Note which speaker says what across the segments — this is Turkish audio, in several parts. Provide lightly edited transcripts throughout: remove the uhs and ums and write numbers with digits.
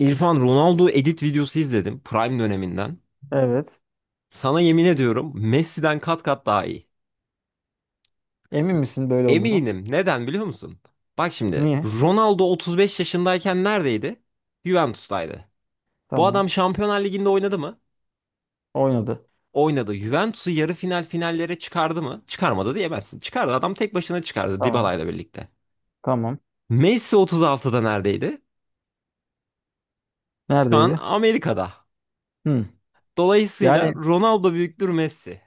Speaker 1: İrfan, Ronaldo edit videosu izledim prime döneminden.
Speaker 2: Evet.
Speaker 1: Sana yemin ediyorum, Messi'den kat kat daha iyi.
Speaker 2: Emin misin böyle olduğunu?
Speaker 1: Eminim. Neden biliyor musun? Bak şimdi
Speaker 2: Niye?
Speaker 1: Ronaldo 35 yaşındayken neredeydi? Juventus'taydı. Bu
Speaker 2: Tamam.
Speaker 1: adam Şampiyonlar Ligi'nde oynadı mı?
Speaker 2: Oynadı.
Speaker 1: Oynadı. Juventus'u yarı final finallere çıkardı mı? Çıkarmadı diyemezsin. Çıkardı. Adam tek başına çıkardı
Speaker 2: Tamam.
Speaker 1: Dybala'yla birlikte.
Speaker 2: Tamam.
Speaker 1: Messi 36'da neredeydi? Şu an
Speaker 2: Neredeydi?
Speaker 1: Amerika'da.
Speaker 2: Hmm.
Speaker 1: Dolayısıyla
Speaker 2: Yani
Speaker 1: Ronaldo büyüktür Messi.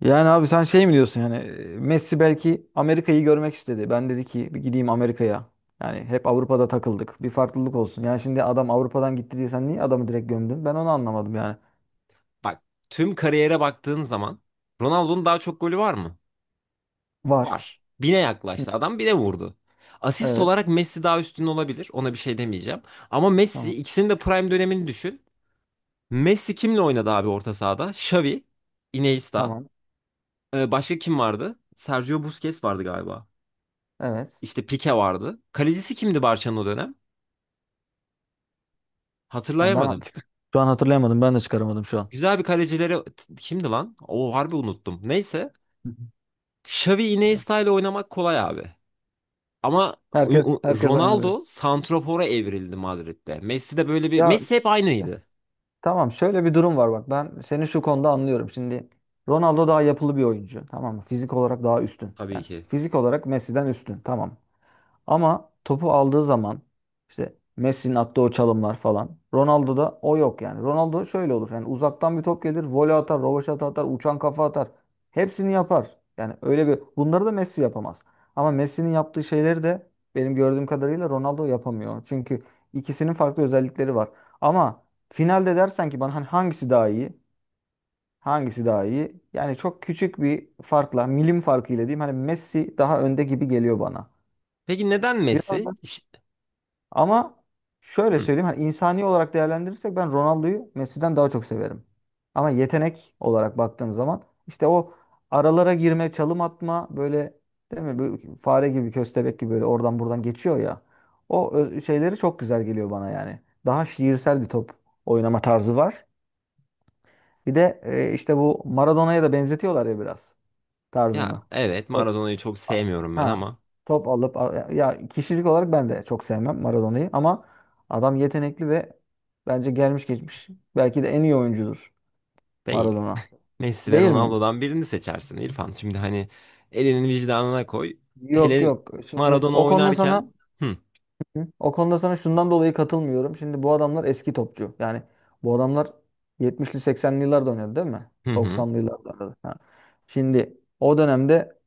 Speaker 2: yani abi sen şey mi diyorsun yani Messi belki Amerika'yı görmek istedi. Ben dedi ki bir gideyim Amerika'ya. Yani hep Avrupa'da takıldık. Bir farklılık olsun. Yani şimdi adam Avrupa'dan gitti diye sen niye adamı direkt gömdün? Ben onu anlamadım yani.
Speaker 1: Bak, tüm kariyere baktığın zaman Ronaldo'nun daha çok golü var mı?
Speaker 2: Var.
Speaker 1: Var. Bine
Speaker 2: Hı.
Speaker 1: yaklaştı. Adam bine vurdu. Asist
Speaker 2: Evet.
Speaker 1: olarak Messi daha üstün olabilir. Ona bir şey demeyeceğim. Ama Messi
Speaker 2: Tamam.
Speaker 1: ikisinin de prime dönemini düşün. Messi kimle oynadı abi orta sahada? Xavi, Iniesta.
Speaker 2: Tamam.
Speaker 1: Başka kim vardı? Sergio Busquets vardı galiba.
Speaker 2: Evet.
Speaker 1: İşte Pique vardı. Kalecisi kimdi Barça'nın o dönem?
Speaker 2: Yani
Speaker 1: Hatırlayamadım.
Speaker 2: şu an hatırlayamadım. Ben de çıkaramadım şu an.
Speaker 1: Güzel bir kalecileri kimdi lan? O harbi unuttum. Neyse.
Speaker 2: Hı hı.
Speaker 1: Xavi Iniesta ile oynamak kolay abi. Ama
Speaker 2: Herkes herkes oynar diyorsun.
Speaker 1: Ronaldo santrafora evrildi Madrid'de. Messi de böyle bir...
Speaker 2: Ya,
Speaker 1: Messi hep aynıydı,
Speaker 2: tamam, şöyle bir durum var bak, ben seni şu konuda anlıyorum. Şimdi Ronaldo daha yapılı bir oyuncu, tamam mı? Fizik olarak daha üstün.
Speaker 1: tabii
Speaker 2: Yani
Speaker 1: ki.
Speaker 2: fizik olarak Messi'den üstün, tamam. Ama topu aldığı zaman işte Messi'nin attığı o çalımlar falan. Ronaldo'da o yok yani. Ronaldo şöyle olur. Yani uzaktan bir top gelir, voley atar, rövaşata atar, uçan kafa atar. Hepsini yapar. Yani öyle bir bunları da Messi yapamaz. Ama Messi'nin yaptığı şeyleri de benim gördüğüm kadarıyla Ronaldo yapamıyor. Çünkü ikisinin farklı özellikleri var. Ama finalde dersen ki bana hani hangisi daha iyi? Hangisi daha iyi? Yani çok küçük bir farkla, milim farkıyla diyeyim. Hani Messi daha önde gibi geliyor bana.
Speaker 1: Peki neden
Speaker 2: Biraz
Speaker 1: Messi?
Speaker 2: ama şöyle
Speaker 1: Hı.
Speaker 2: söyleyeyim, hani insani olarak değerlendirirsek ben Ronaldo'yu Messi'den daha çok severim. Ama yetenek olarak baktığım zaman işte o aralara girme, çalım atma böyle, değil mi? Bu fare gibi, köstebek gibi böyle oradan buradan geçiyor ya. Şeyleri çok güzel geliyor bana yani. Daha şiirsel bir top oynama tarzı var. Bir de işte bu Maradona'ya da benzetiyorlar ya biraz
Speaker 1: Ya
Speaker 2: tarzını.
Speaker 1: evet, Maradona'yı çok sevmiyorum ben
Speaker 2: Ha,
Speaker 1: ama
Speaker 2: top alıp, ya kişilik olarak ben de çok sevmem Maradona'yı ama adam yetenekli ve bence gelmiş geçmiş belki de en iyi oyuncudur
Speaker 1: değil.
Speaker 2: Maradona.
Speaker 1: Messi ve
Speaker 2: Değil mi?
Speaker 1: Ronaldo'dan birini seçersin İrfan. Şimdi hani elinin vicdanına koy.
Speaker 2: Yok
Speaker 1: Pele
Speaker 2: yok. Şimdi
Speaker 1: Maradona
Speaker 2: o konuda
Speaker 1: oynarken
Speaker 2: sana,
Speaker 1: hı
Speaker 2: hı? O konuda sana şundan dolayı katılmıyorum. Şimdi bu adamlar eski topçu. Yani bu adamlar 70'li 80'li yıllarda oynadı değil mi?
Speaker 1: hı hı
Speaker 2: 90'lı yıllarda. Da. Ha. Şimdi o dönemde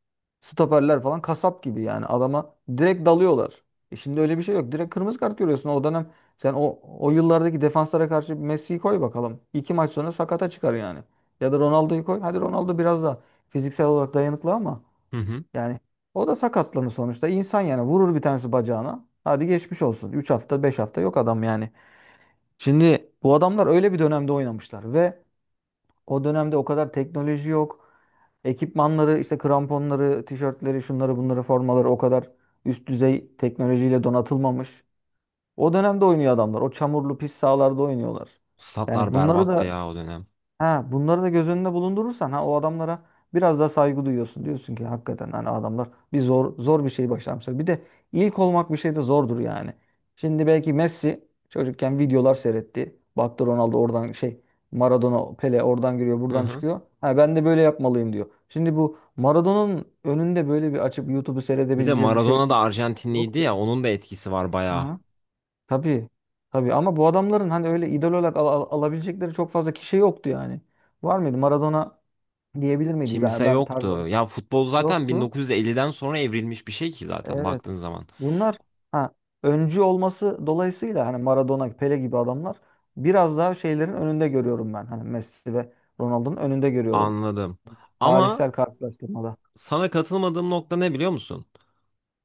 Speaker 2: stoperler falan kasap gibi yani adama direkt dalıyorlar. E şimdi öyle bir şey yok. Direkt kırmızı kart görüyorsun. O dönem sen o yıllardaki defanslara karşı Messi'yi koy bakalım. İki maç sonra sakata çıkar yani. Ya da Ronaldo'yu koy. Hadi Ronaldo biraz da fiziksel olarak dayanıklı ama
Speaker 1: hı. Hı.
Speaker 2: yani o da sakatlanır sonuçta. İnsan yani vurur bir tanesi bacağına. Hadi geçmiş olsun. Üç hafta 5 hafta yok adam yani. Şimdi bu adamlar öyle bir dönemde oynamışlar ve o dönemde o kadar teknoloji yok. Ekipmanları işte kramponları, tişörtleri, şunları bunları formaları o kadar üst düzey teknolojiyle donatılmamış. O dönemde oynuyor adamlar. O çamurlu pis sahalarda oynuyorlar.
Speaker 1: Statlar
Speaker 2: Yani bunları
Speaker 1: berbattı
Speaker 2: da,
Speaker 1: ya o dönem.
Speaker 2: ha, bunları da göz önünde bulundurursan, ha, o adamlara biraz daha saygı duyuyorsun. Diyorsun ki hakikaten hani adamlar bir zor bir şey başarmışlar. Bir de ilk olmak bir şey de zordur yani. Şimdi belki Messi çocukken videolar seyretti. Baktı Ronaldo oradan şey, Maradona Pele oradan giriyor
Speaker 1: Hı
Speaker 2: buradan
Speaker 1: hı.
Speaker 2: çıkıyor. Ha ben de böyle yapmalıyım diyor. Şimdi bu Maradona'nın önünde böyle bir açıp YouTube'u
Speaker 1: Bir de
Speaker 2: seyredebileceği bir şey
Speaker 1: Maradona da Arjantinliydi ya,
Speaker 2: yoktu.
Speaker 1: onun da etkisi var bayağı.
Speaker 2: Aha. Tabii. Tabii ama bu adamların hani öyle idol olarak alabilecekleri çok fazla kişi yoktu yani. Var mıydı? Maradona diyebilir miydi? Ben,
Speaker 1: Kimse
Speaker 2: ben
Speaker 1: yoktu.
Speaker 2: tarzım
Speaker 1: Ya futbol zaten
Speaker 2: yoktu.
Speaker 1: 1950'den sonra evrilmiş bir şey ki zaten
Speaker 2: Evet.
Speaker 1: baktığın zaman.
Speaker 2: Bunlar, ha, öncü olması dolayısıyla hani Maradona, Pele gibi adamlar biraz daha şeylerin önünde görüyorum ben. Hani Messi ve Ronaldo'nun önünde görüyorum.
Speaker 1: Anladım. Ama
Speaker 2: Tarihsel karşılaştırmada.
Speaker 1: sana katılmadığım nokta ne biliyor musun?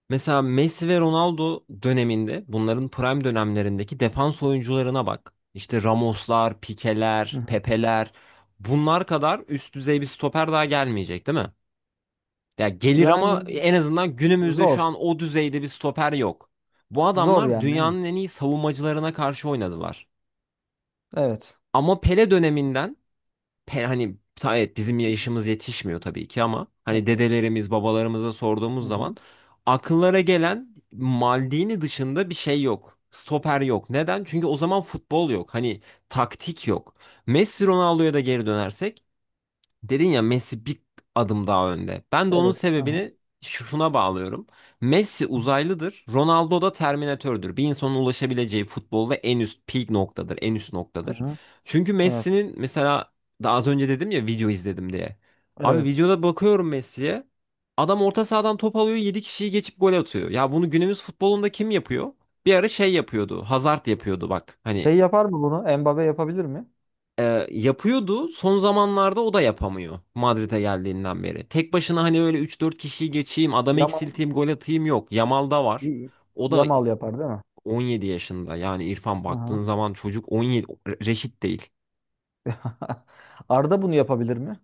Speaker 1: Mesela Messi ve Ronaldo döneminde bunların prime dönemlerindeki defans oyuncularına bak. İşte Ramoslar,
Speaker 2: Hı
Speaker 1: Pikeler,
Speaker 2: hı.
Speaker 1: Pepeler, bunlar kadar üst düzey bir stoper daha gelmeyecek değil mi? Ya gelir ama
Speaker 2: Yani
Speaker 1: en azından günümüzde
Speaker 2: zor.
Speaker 1: şu an o düzeyde bir stoper yok. Bu
Speaker 2: Zor
Speaker 1: adamlar
Speaker 2: yani.
Speaker 1: dünyanın en iyi savunmacılarına karşı oynadılar.
Speaker 2: Evet.
Speaker 1: Ama Pele döneminden evet, bizim
Speaker 2: Hı.
Speaker 1: yaşımız yetişmiyor tabii ki ama hani dedelerimiz babalarımıza
Speaker 2: Hı
Speaker 1: sorduğumuz zaman
Speaker 2: hı.
Speaker 1: akıllara gelen Maldini dışında bir şey yok. Stoper yok. Neden? Çünkü o zaman futbol yok. Hani taktik yok. Messi Ronaldo'ya da geri dönersek, dedin ya Messi bir adım daha önde. Ben de onun
Speaker 2: Evet. Hı hı.
Speaker 1: sebebini şuna bağlıyorum. Messi uzaylıdır, Ronaldo da Terminatördür. Bir insanın ulaşabileceği futbolda en üst peak noktadır, en üst
Speaker 2: Hı
Speaker 1: noktadır.
Speaker 2: hı.
Speaker 1: Çünkü
Speaker 2: Evet.
Speaker 1: Messi'nin mesela daha az önce dedim ya video izledim diye. Abi
Speaker 2: Evet.
Speaker 1: videoda bakıyorum Messi'ye. Adam orta sahadan top alıyor, 7 kişiyi geçip gol atıyor. Ya bunu günümüz futbolunda kim yapıyor? Bir ara şey yapıyordu. Hazard yapıyordu bak. Hani
Speaker 2: Şey yapar mı bunu? Mbappe yapabilir mi?
Speaker 1: yapıyordu. Son zamanlarda o da yapamıyor Madrid'e geldiğinden beri. Tek başına hani öyle üç dört kişiyi geçeyim, adam
Speaker 2: Yamal.
Speaker 1: eksilteyim, gol atayım yok. Yamal da var. O da
Speaker 2: Yamal yapar değil mi?
Speaker 1: 17 yaşında. Yani İrfan
Speaker 2: Hı hı.
Speaker 1: baktığın zaman çocuk 17, reşit değil.
Speaker 2: Arda bunu yapabilir mi?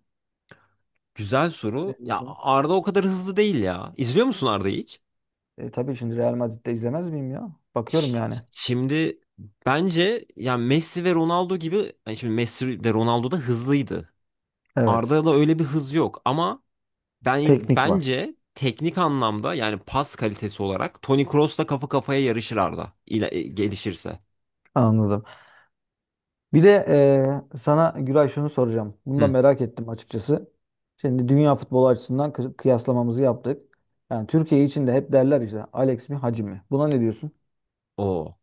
Speaker 1: Güzel
Speaker 2: Ne
Speaker 1: soru. Ya
Speaker 2: diyorsun?
Speaker 1: Arda o kadar hızlı değil ya. İzliyor musun Arda'yı hiç?
Speaker 2: Tabii şimdi Real Madrid'de izlemez miyim ya? Bakıyorum
Speaker 1: Ş-
Speaker 2: yani.
Speaker 1: Şimdi bence yani Messi ve Ronaldo gibi, yani şimdi Messi de Ronaldo da hızlıydı.
Speaker 2: Evet.
Speaker 1: Arda'da öyle bir hız yok ama ben
Speaker 2: Teknik var.
Speaker 1: bence teknik anlamda yani pas kalitesi olarak Toni Kroos'la kafa kafaya yarışır Arda. Gelişirse.
Speaker 2: Anladım. Bir de sana Güray şunu soracağım. Bunu da
Speaker 1: Hı.
Speaker 2: merak ettim açıkçası. Şimdi dünya futbolu açısından kıyaslamamızı yaptık. Yani Türkiye için de hep derler işte Alex mi Hacı mı? Buna ne diyorsun?
Speaker 1: O.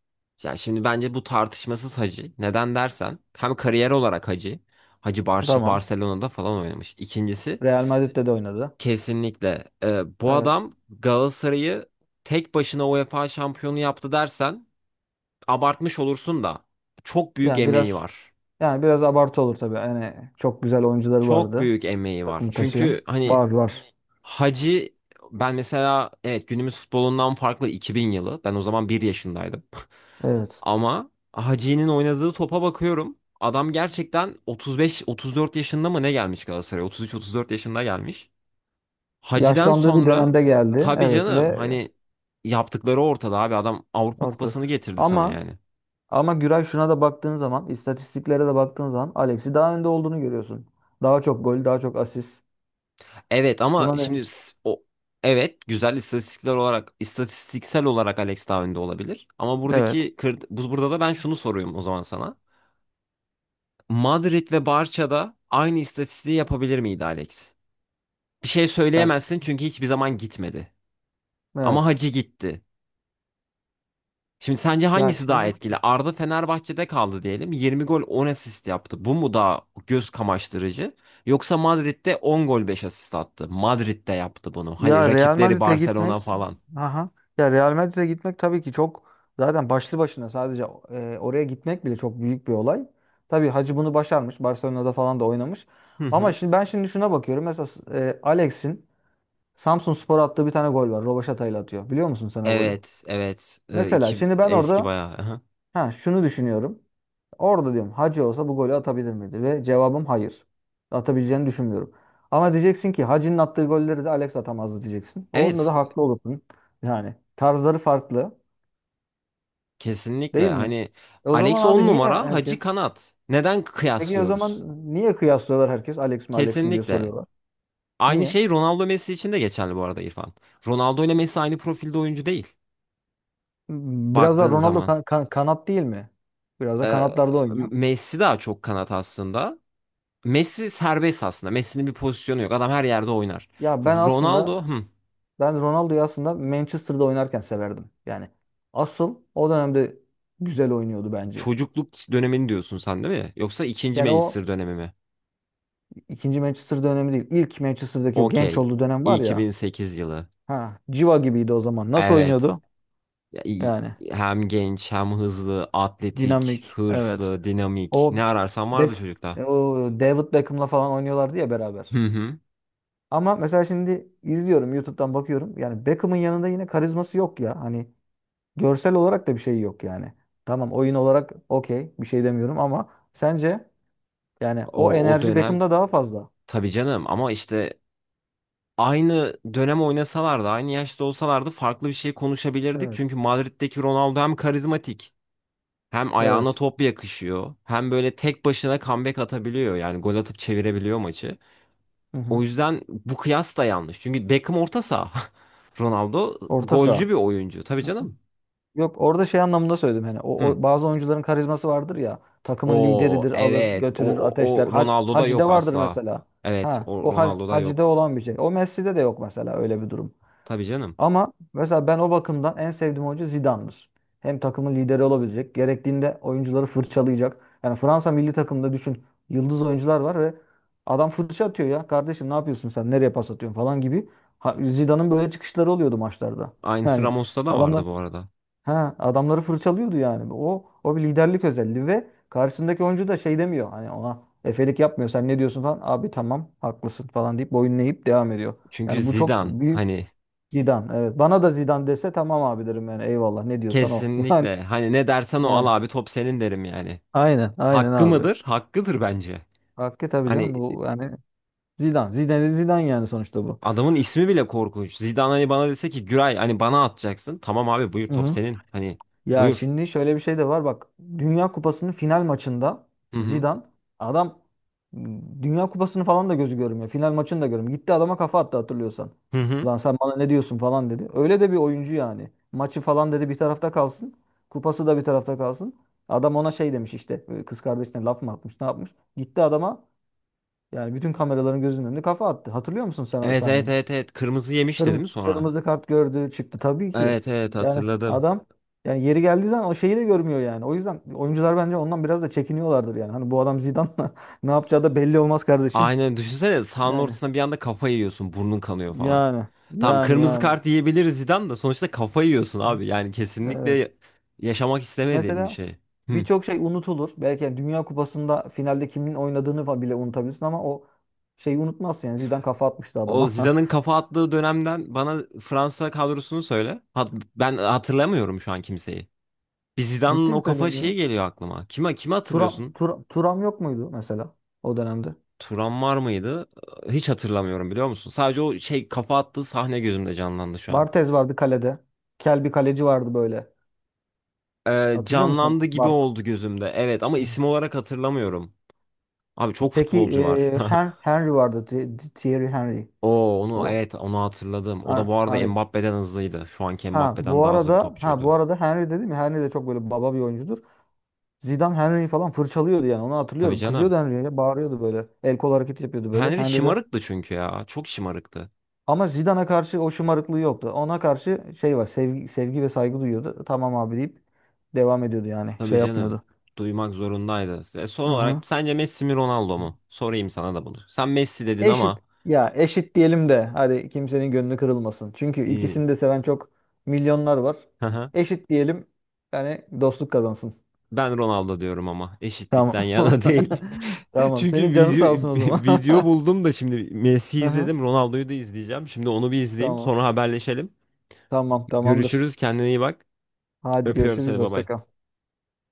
Speaker 1: Yani şimdi bence bu tartışmasız Hacı. Neden dersen hem kariyer olarak Hacı. Hacı
Speaker 2: Tamam.
Speaker 1: Barcelona'da falan oynamış. İkincisi
Speaker 2: Real Madrid'de de oynadı.
Speaker 1: kesinlikle bu
Speaker 2: Evet.
Speaker 1: adam Galatasaray'ı tek başına UEFA şampiyonu yaptı dersen abartmış olursun da çok büyük
Speaker 2: Yani
Speaker 1: emeği
Speaker 2: biraz
Speaker 1: var.
Speaker 2: Yani biraz abartı olur tabii. Yani çok güzel oyuncuları
Speaker 1: Çok
Speaker 2: vardı.
Speaker 1: büyük emeği var.
Speaker 2: Takımı taşıyan.
Speaker 1: Çünkü hani
Speaker 2: Var var.
Speaker 1: Hacı, ben mesela evet, günümüz futbolundan farklı 2000 yılı. Ben o zaman bir yaşındaydım.
Speaker 2: Evet.
Speaker 1: Ama Hacı'nın oynadığı topa bakıyorum. Adam gerçekten 35-34 yaşında mı ne gelmiş Galatasaray'a? 33-34 yaşında gelmiş. Hacı'den
Speaker 2: Yaşlandığı bir
Speaker 1: sonra
Speaker 2: dönemde geldi.
Speaker 1: tabii
Speaker 2: Evet
Speaker 1: canım,
Speaker 2: ve
Speaker 1: hani yaptıkları ortada abi, adam Avrupa
Speaker 2: ortada.
Speaker 1: Kupası'nı getirdi sana
Speaker 2: Ama,
Speaker 1: yani.
Speaker 2: ama Güray, şuna da baktığın zaman, istatistiklere de baktığın zaman Alex'i daha önde olduğunu görüyorsun. Daha çok gol, daha çok asist.
Speaker 1: Evet ama
Speaker 2: Buna ne?
Speaker 1: şimdi s- o evet, güzel istatistikler olarak, istatistiksel olarak Alex daha önde olabilir. Ama
Speaker 2: Evet.
Speaker 1: buradaki burada da ben şunu soruyorum o zaman sana. Madrid ve Barça'da aynı istatistiği yapabilir miydi Alex? Bir şey
Speaker 2: Ya,
Speaker 1: söyleyemezsin çünkü hiçbir zaman gitmedi. Ama
Speaker 2: evet.
Speaker 1: Hacı gitti. Şimdi sence
Speaker 2: Ya
Speaker 1: hangisi daha
Speaker 2: şimdi,
Speaker 1: etkili? Arda Fenerbahçe'de kaldı diyelim. 20 gol 10 asist yaptı. Bu mu daha göz kamaştırıcı? Yoksa Madrid'de 10 gol 5 asist attı. Madrid'de yaptı bunu. Hani
Speaker 2: ya Real
Speaker 1: rakipleri
Speaker 2: Madrid'e
Speaker 1: Barcelona
Speaker 2: gitmek,
Speaker 1: falan.
Speaker 2: aha. Ya Real Madrid'e gitmek tabii ki çok, zaten başlı başına sadece oraya gitmek bile çok büyük bir olay. Tabii Hacı bunu başarmış. Barcelona'da falan da oynamış. Ama şimdi ben şimdi şuna bakıyorum. Mesela Alex'in Samsunspor'a attığı bir tane gol var. Robaşata'yla atıyor. Biliyor musun sen o golü?
Speaker 1: Evet, evet.
Speaker 2: Mesela
Speaker 1: İki
Speaker 2: şimdi ben
Speaker 1: eski
Speaker 2: orada,
Speaker 1: bayağı. Aha.
Speaker 2: ha, şunu düşünüyorum. Orada diyorum Hacı olsa bu golü atabilir miydi? Ve cevabım hayır. Atabileceğini düşünmüyorum. Ama diyeceksin ki Hacı'nın attığı golleri de Alex atamazdı diyeceksin.
Speaker 1: Evet,
Speaker 2: Onda da
Speaker 1: f-
Speaker 2: haklı olursun. Yani tarzları farklı,
Speaker 1: kesinlikle.
Speaker 2: değil mi?
Speaker 1: Hani
Speaker 2: E o zaman
Speaker 1: Alex 10
Speaker 2: abi niye
Speaker 1: numara, Hacı
Speaker 2: herkes?
Speaker 1: kanat. Neden
Speaker 2: Peki o zaman
Speaker 1: kıyaslıyoruz?
Speaker 2: niye kıyaslıyorlar, herkes Alex mi Alex mi diye
Speaker 1: Kesinlikle.
Speaker 2: soruyorlar.
Speaker 1: Aynı
Speaker 2: Niye?
Speaker 1: şey Ronaldo Messi için de geçerli bu arada İrfan. Ronaldo ile Messi aynı profilde oyuncu değil.
Speaker 2: Biraz da
Speaker 1: Baktığın
Speaker 2: Ronaldo
Speaker 1: zaman.
Speaker 2: kanat değil mi? Biraz da kanatlarda oynuyor.
Speaker 1: Messi daha çok kanat aslında. Messi serbest aslında. Messi'nin bir pozisyonu yok. Adam her yerde oynar.
Speaker 2: Ya ben aslında,
Speaker 1: Ronaldo, hı,
Speaker 2: ben Ronaldo'yu aslında Manchester'da oynarken severdim. Yani asıl o dönemde güzel oynuyordu bence.
Speaker 1: çocukluk dönemini diyorsun sen değil mi? Yoksa ikinci
Speaker 2: Yani o
Speaker 1: Manchester dönemi mi?
Speaker 2: ikinci Manchester dönemi değil. İlk Manchester'daki o genç
Speaker 1: Okey.
Speaker 2: olduğu dönem var ya.
Speaker 1: 2008 yılı.
Speaker 2: Ha, civa gibiydi o zaman. Nasıl
Speaker 1: Evet.
Speaker 2: oynuyordu?
Speaker 1: Ya,
Speaker 2: Yani
Speaker 1: hem genç, hem hızlı, atletik,
Speaker 2: dinamik. Evet.
Speaker 1: hırslı, dinamik.
Speaker 2: O
Speaker 1: Ne ararsan vardı
Speaker 2: Beck,
Speaker 1: çocukta.
Speaker 2: e, o David Beckham'la falan oynuyorlardı ya beraber.
Speaker 1: Hı hı.
Speaker 2: Ama mesela şimdi izliyorum YouTube'dan bakıyorum. Yani Beckham'ın yanında yine karizması yok ya. Hani görsel olarak da bir şey yok yani. Tamam oyun olarak okey bir şey demiyorum ama sence, yani o
Speaker 1: O, o
Speaker 2: enerji
Speaker 1: dönem
Speaker 2: Beckham'da daha fazla.
Speaker 1: tabii canım ama işte aynı dönem oynasalardı, aynı yaşta olsalardı farklı bir şey konuşabilirdik.
Speaker 2: Evet.
Speaker 1: Çünkü Madrid'deki Ronaldo hem karizmatik, hem ayağına
Speaker 2: Evet.
Speaker 1: top yakışıyor, hem böyle tek başına comeback atabiliyor. Yani gol atıp çevirebiliyor maçı.
Speaker 2: Hı hı.
Speaker 1: O yüzden bu kıyas da yanlış. Çünkü Beckham orta saha. Ronaldo
Speaker 2: Orta
Speaker 1: golcü
Speaker 2: saha.
Speaker 1: bir oyuncu. Tabii
Speaker 2: Hı hı.
Speaker 1: canım.
Speaker 2: Yok orada şey anlamında söyledim, hani
Speaker 1: Hı.
Speaker 2: o bazı oyuncuların karizması vardır ya, takımın
Speaker 1: O
Speaker 2: lideridir alır
Speaker 1: evet.
Speaker 2: götürür
Speaker 1: O, o,
Speaker 2: ateşler,
Speaker 1: o Ronaldo'da
Speaker 2: Hacı'da
Speaker 1: yok
Speaker 2: vardır
Speaker 1: asla.
Speaker 2: mesela,
Speaker 1: Evet,
Speaker 2: ha,
Speaker 1: o
Speaker 2: o ha,
Speaker 1: Ronaldo'da
Speaker 2: Hacı'da
Speaker 1: yok.
Speaker 2: olan bir şey o Messi'de de yok mesela, öyle bir durum.
Speaker 1: Tabii canım.
Speaker 2: Ama mesela ben o bakımdan en sevdiğim oyuncu Zidane'dır. Hem takımın lideri olabilecek, gerektiğinde oyuncuları fırçalayacak. Yani Fransa milli takımında düşün, yıldız oyuncular var ve adam fırça atıyor ya. Kardeşim ne yapıyorsun sen? Nereye pas atıyorsun falan gibi. Ha, Zidane'ın böyle çıkışları oluyordu maçlarda.
Speaker 1: Aynısı
Speaker 2: Yani
Speaker 1: Ramos'ta da vardı
Speaker 2: adamlar,
Speaker 1: bu arada.
Speaker 2: ha, adamları fırçalıyordu yani. O bir liderlik özelliği ve karşısındaki oyuncu da şey demiyor. Hani ona efelik yapmıyor. Sen ne diyorsun falan. Abi tamam haklısın falan deyip boyun eğip devam ediyor.
Speaker 1: Çünkü
Speaker 2: Yani bu çok
Speaker 1: Zidane,
Speaker 2: büyük.
Speaker 1: hani
Speaker 2: Zidane evet. Bana da Zidane dese tamam abi derim yani, eyvallah ne diyorsan o.
Speaker 1: kesinlikle hani ne dersen o, al
Speaker 2: Yani
Speaker 1: abi top senin derim yani.
Speaker 2: aynen
Speaker 1: Hakkı
Speaker 2: abi.
Speaker 1: mıdır? Hakkıdır bence.
Speaker 2: Hakkı tabii canım
Speaker 1: Hani
Speaker 2: bu yani. Zidane. Zidane yani sonuçta bu.
Speaker 1: adamın ismi bile korkunç. Zidane hani bana dese ki Güray hani bana atacaksın. Tamam abi buyur
Speaker 2: Hı
Speaker 1: top
Speaker 2: hı.
Speaker 1: senin. Hani
Speaker 2: Ya
Speaker 1: buyur.
Speaker 2: şimdi şöyle bir şey de var bak. Dünya Kupası'nın final maçında
Speaker 1: Hı hı.
Speaker 2: Zidane, adam, Dünya Kupası'nı falan da gözü görmüyor. Final maçını da görmüyor. Gitti adama kafa attı hatırlıyorsan.
Speaker 1: Hı hı.
Speaker 2: Ulan sen bana ne diyorsun falan dedi. Öyle de bir oyuncu yani. Maçı falan dedi bir tarafta kalsın. Kupası da bir tarafta kalsın. Adam ona şey demiş işte, kız kardeşine laf mı atmış ne yapmış. Gitti adama, yani bütün kameraların gözünün önünde kafa attı. Hatırlıyor musun sen o
Speaker 1: Evet evet
Speaker 2: sahneyi?
Speaker 1: evet evet. Kırmızı yemişti değil mi sonra?
Speaker 2: Kırmızı kart gördü çıktı tabii ki.
Speaker 1: Evet evet
Speaker 2: Yani
Speaker 1: hatırladım.
Speaker 2: adam, yani yeri geldiği zaman o şeyi de görmüyor yani. O yüzden oyuncular bence ondan biraz da çekiniyorlardır yani. Hani bu adam Zidane'la ne yapacağı da belli olmaz kardeşim.
Speaker 1: Aynen düşünsene sahanın
Speaker 2: Yani
Speaker 1: ortasına bir anda kafa yiyorsun, burnun kanıyor falan.
Speaker 2: yani
Speaker 1: Tamam
Speaker 2: yani
Speaker 1: kırmızı
Speaker 2: yani.
Speaker 1: kart yiyebiliriz, Zidane da sonuçta, kafa yiyorsun
Speaker 2: Hı,
Speaker 1: abi. Yani
Speaker 2: evet.
Speaker 1: kesinlikle yaşamak istemediğin bir
Speaker 2: Mesela
Speaker 1: şey. Hı.
Speaker 2: birçok şey unutulur. Belki yani Dünya Kupası'nda finalde kimin oynadığını falan bile unutabilirsin ama o şeyi unutmazsın yani. Zidane kafa atmıştı
Speaker 1: O
Speaker 2: adama.
Speaker 1: Zidane'ın kafa attığı dönemden bana Fransa kadrosunu söyle. Ben hatırlamıyorum şu an kimseyi. Bir Zidane'ın
Speaker 2: Ciddi mi
Speaker 1: o kafa
Speaker 2: söylüyorum ya?
Speaker 1: şeyi geliyor aklıma. Kime kimi hatırlıyorsun?
Speaker 2: Turam yok muydu mesela o dönemde?
Speaker 1: Turan var mıydı? Hiç hatırlamıyorum biliyor musun? Sadece o şey kafa attığı sahne gözümde canlandı şu an.
Speaker 2: Barthez vardı kalede. Kel bir kaleci vardı böyle. Hatırlıyor musun onu?
Speaker 1: Canlandı gibi
Speaker 2: Bart.
Speaker 1: oldu gözümde. Evet ama isim olarak hatırlamıyorum. Abi çok
Speaker 2: Peki
Speaker 1: futbolcu var.
Speaker 2: Henry vardı. Thierry Henry.
Speaker 1: Oo onu
Speaker 2: O
Speaker 1: evet, onu hatırladım. O da bu arada
Speaker 2: Henry.
Speaker 1: Mbappe'den hızlıydı. Şu anki
Speaker 2: Ha
Speaker 1: Mbappe'den
Speaker 2: bu
Speaker 1: daha hızlı bir
Speaker 2: arada, ha
Speaker 1: topçuydu.
Speaker 2: bu arada Henry dedim ya, Henry de çok böyle baba bir oyuncudur. Zidane Henry'yi falan fırçalıyordu yani onu
Speaker 1: Tabii
Speaker 2: hatırlıyorum. Kızıyordu
Speaker 1: canım.
Speaker 2: Henry'e, bağırıyordu böyle. El kol hareketi yapıyordu böyle.
Speaker 1: Henry
Speaker 2: Henry de
Speaker 1: şımarıktı çünkü ya. Çok şımarıktı.
Speaker 2: ama Zidane'a karşı o şımarıklığı yoktu. Ona karşı şey var, sevgi, sevgi ve saygı duyuyordu. Tamam abi deyip devam ediyordu yani,
Speaker 1: Tabii
Speaker 2: şey
Speaker 1: canım.
Speaker 2: yapmıyordu.
Speaker 1: Duymak zorundaydı. Son
Speaker 2: Hı
Speaker 1: olarak sence Messi mi Ronaldo
Speaker 2: hı.
Speaker 1: mu? Sorayım sana da bunu. Sen Messi dedin
Speaker 2: Eşit,
Speaker 1: ama.
Speaker 2: ya eşit diyelim de hadi kimsenin gönlü kırılmasın. Çünkü
Speaker 1: e,
Speaker 2: ikisini de seven çok milyonlar var. Eşit diyelim, yani dostluk kazansın.
Speaker 1: Ben Ronaldo diyorum ama
Speaker 2: Tamam.
Speaker 1: eşitlikten yana değil.
Speaker 2: Tamam. Senin
Speaker 1: Çünkü
Speaker 2: canın
Speaker 1: video,
Speaker 2: sağ olsun o zaman.
Speaker 1: video buldum da şimdi Messi
Speaker 2: Aha,
Speaker 1: izledim, Ronaldo'yu da izleyeceğim. Şimdi onu bir izleyeyim,
Speaker 2: tamam.
Speaker 1: sonra haberleşelim.
Speaker 2: Tamam, tamamdır.
Speaker 1: Görüşürüz, kendine iyi bak.
Speaker 2: Hadi
Speaker 1: Öpüyorum
Speaker 2: görüşürüz.
Speaker 1: seni,
Speaker 2: Hoşça
Speaker 1: baba.
Speaker 2: kal.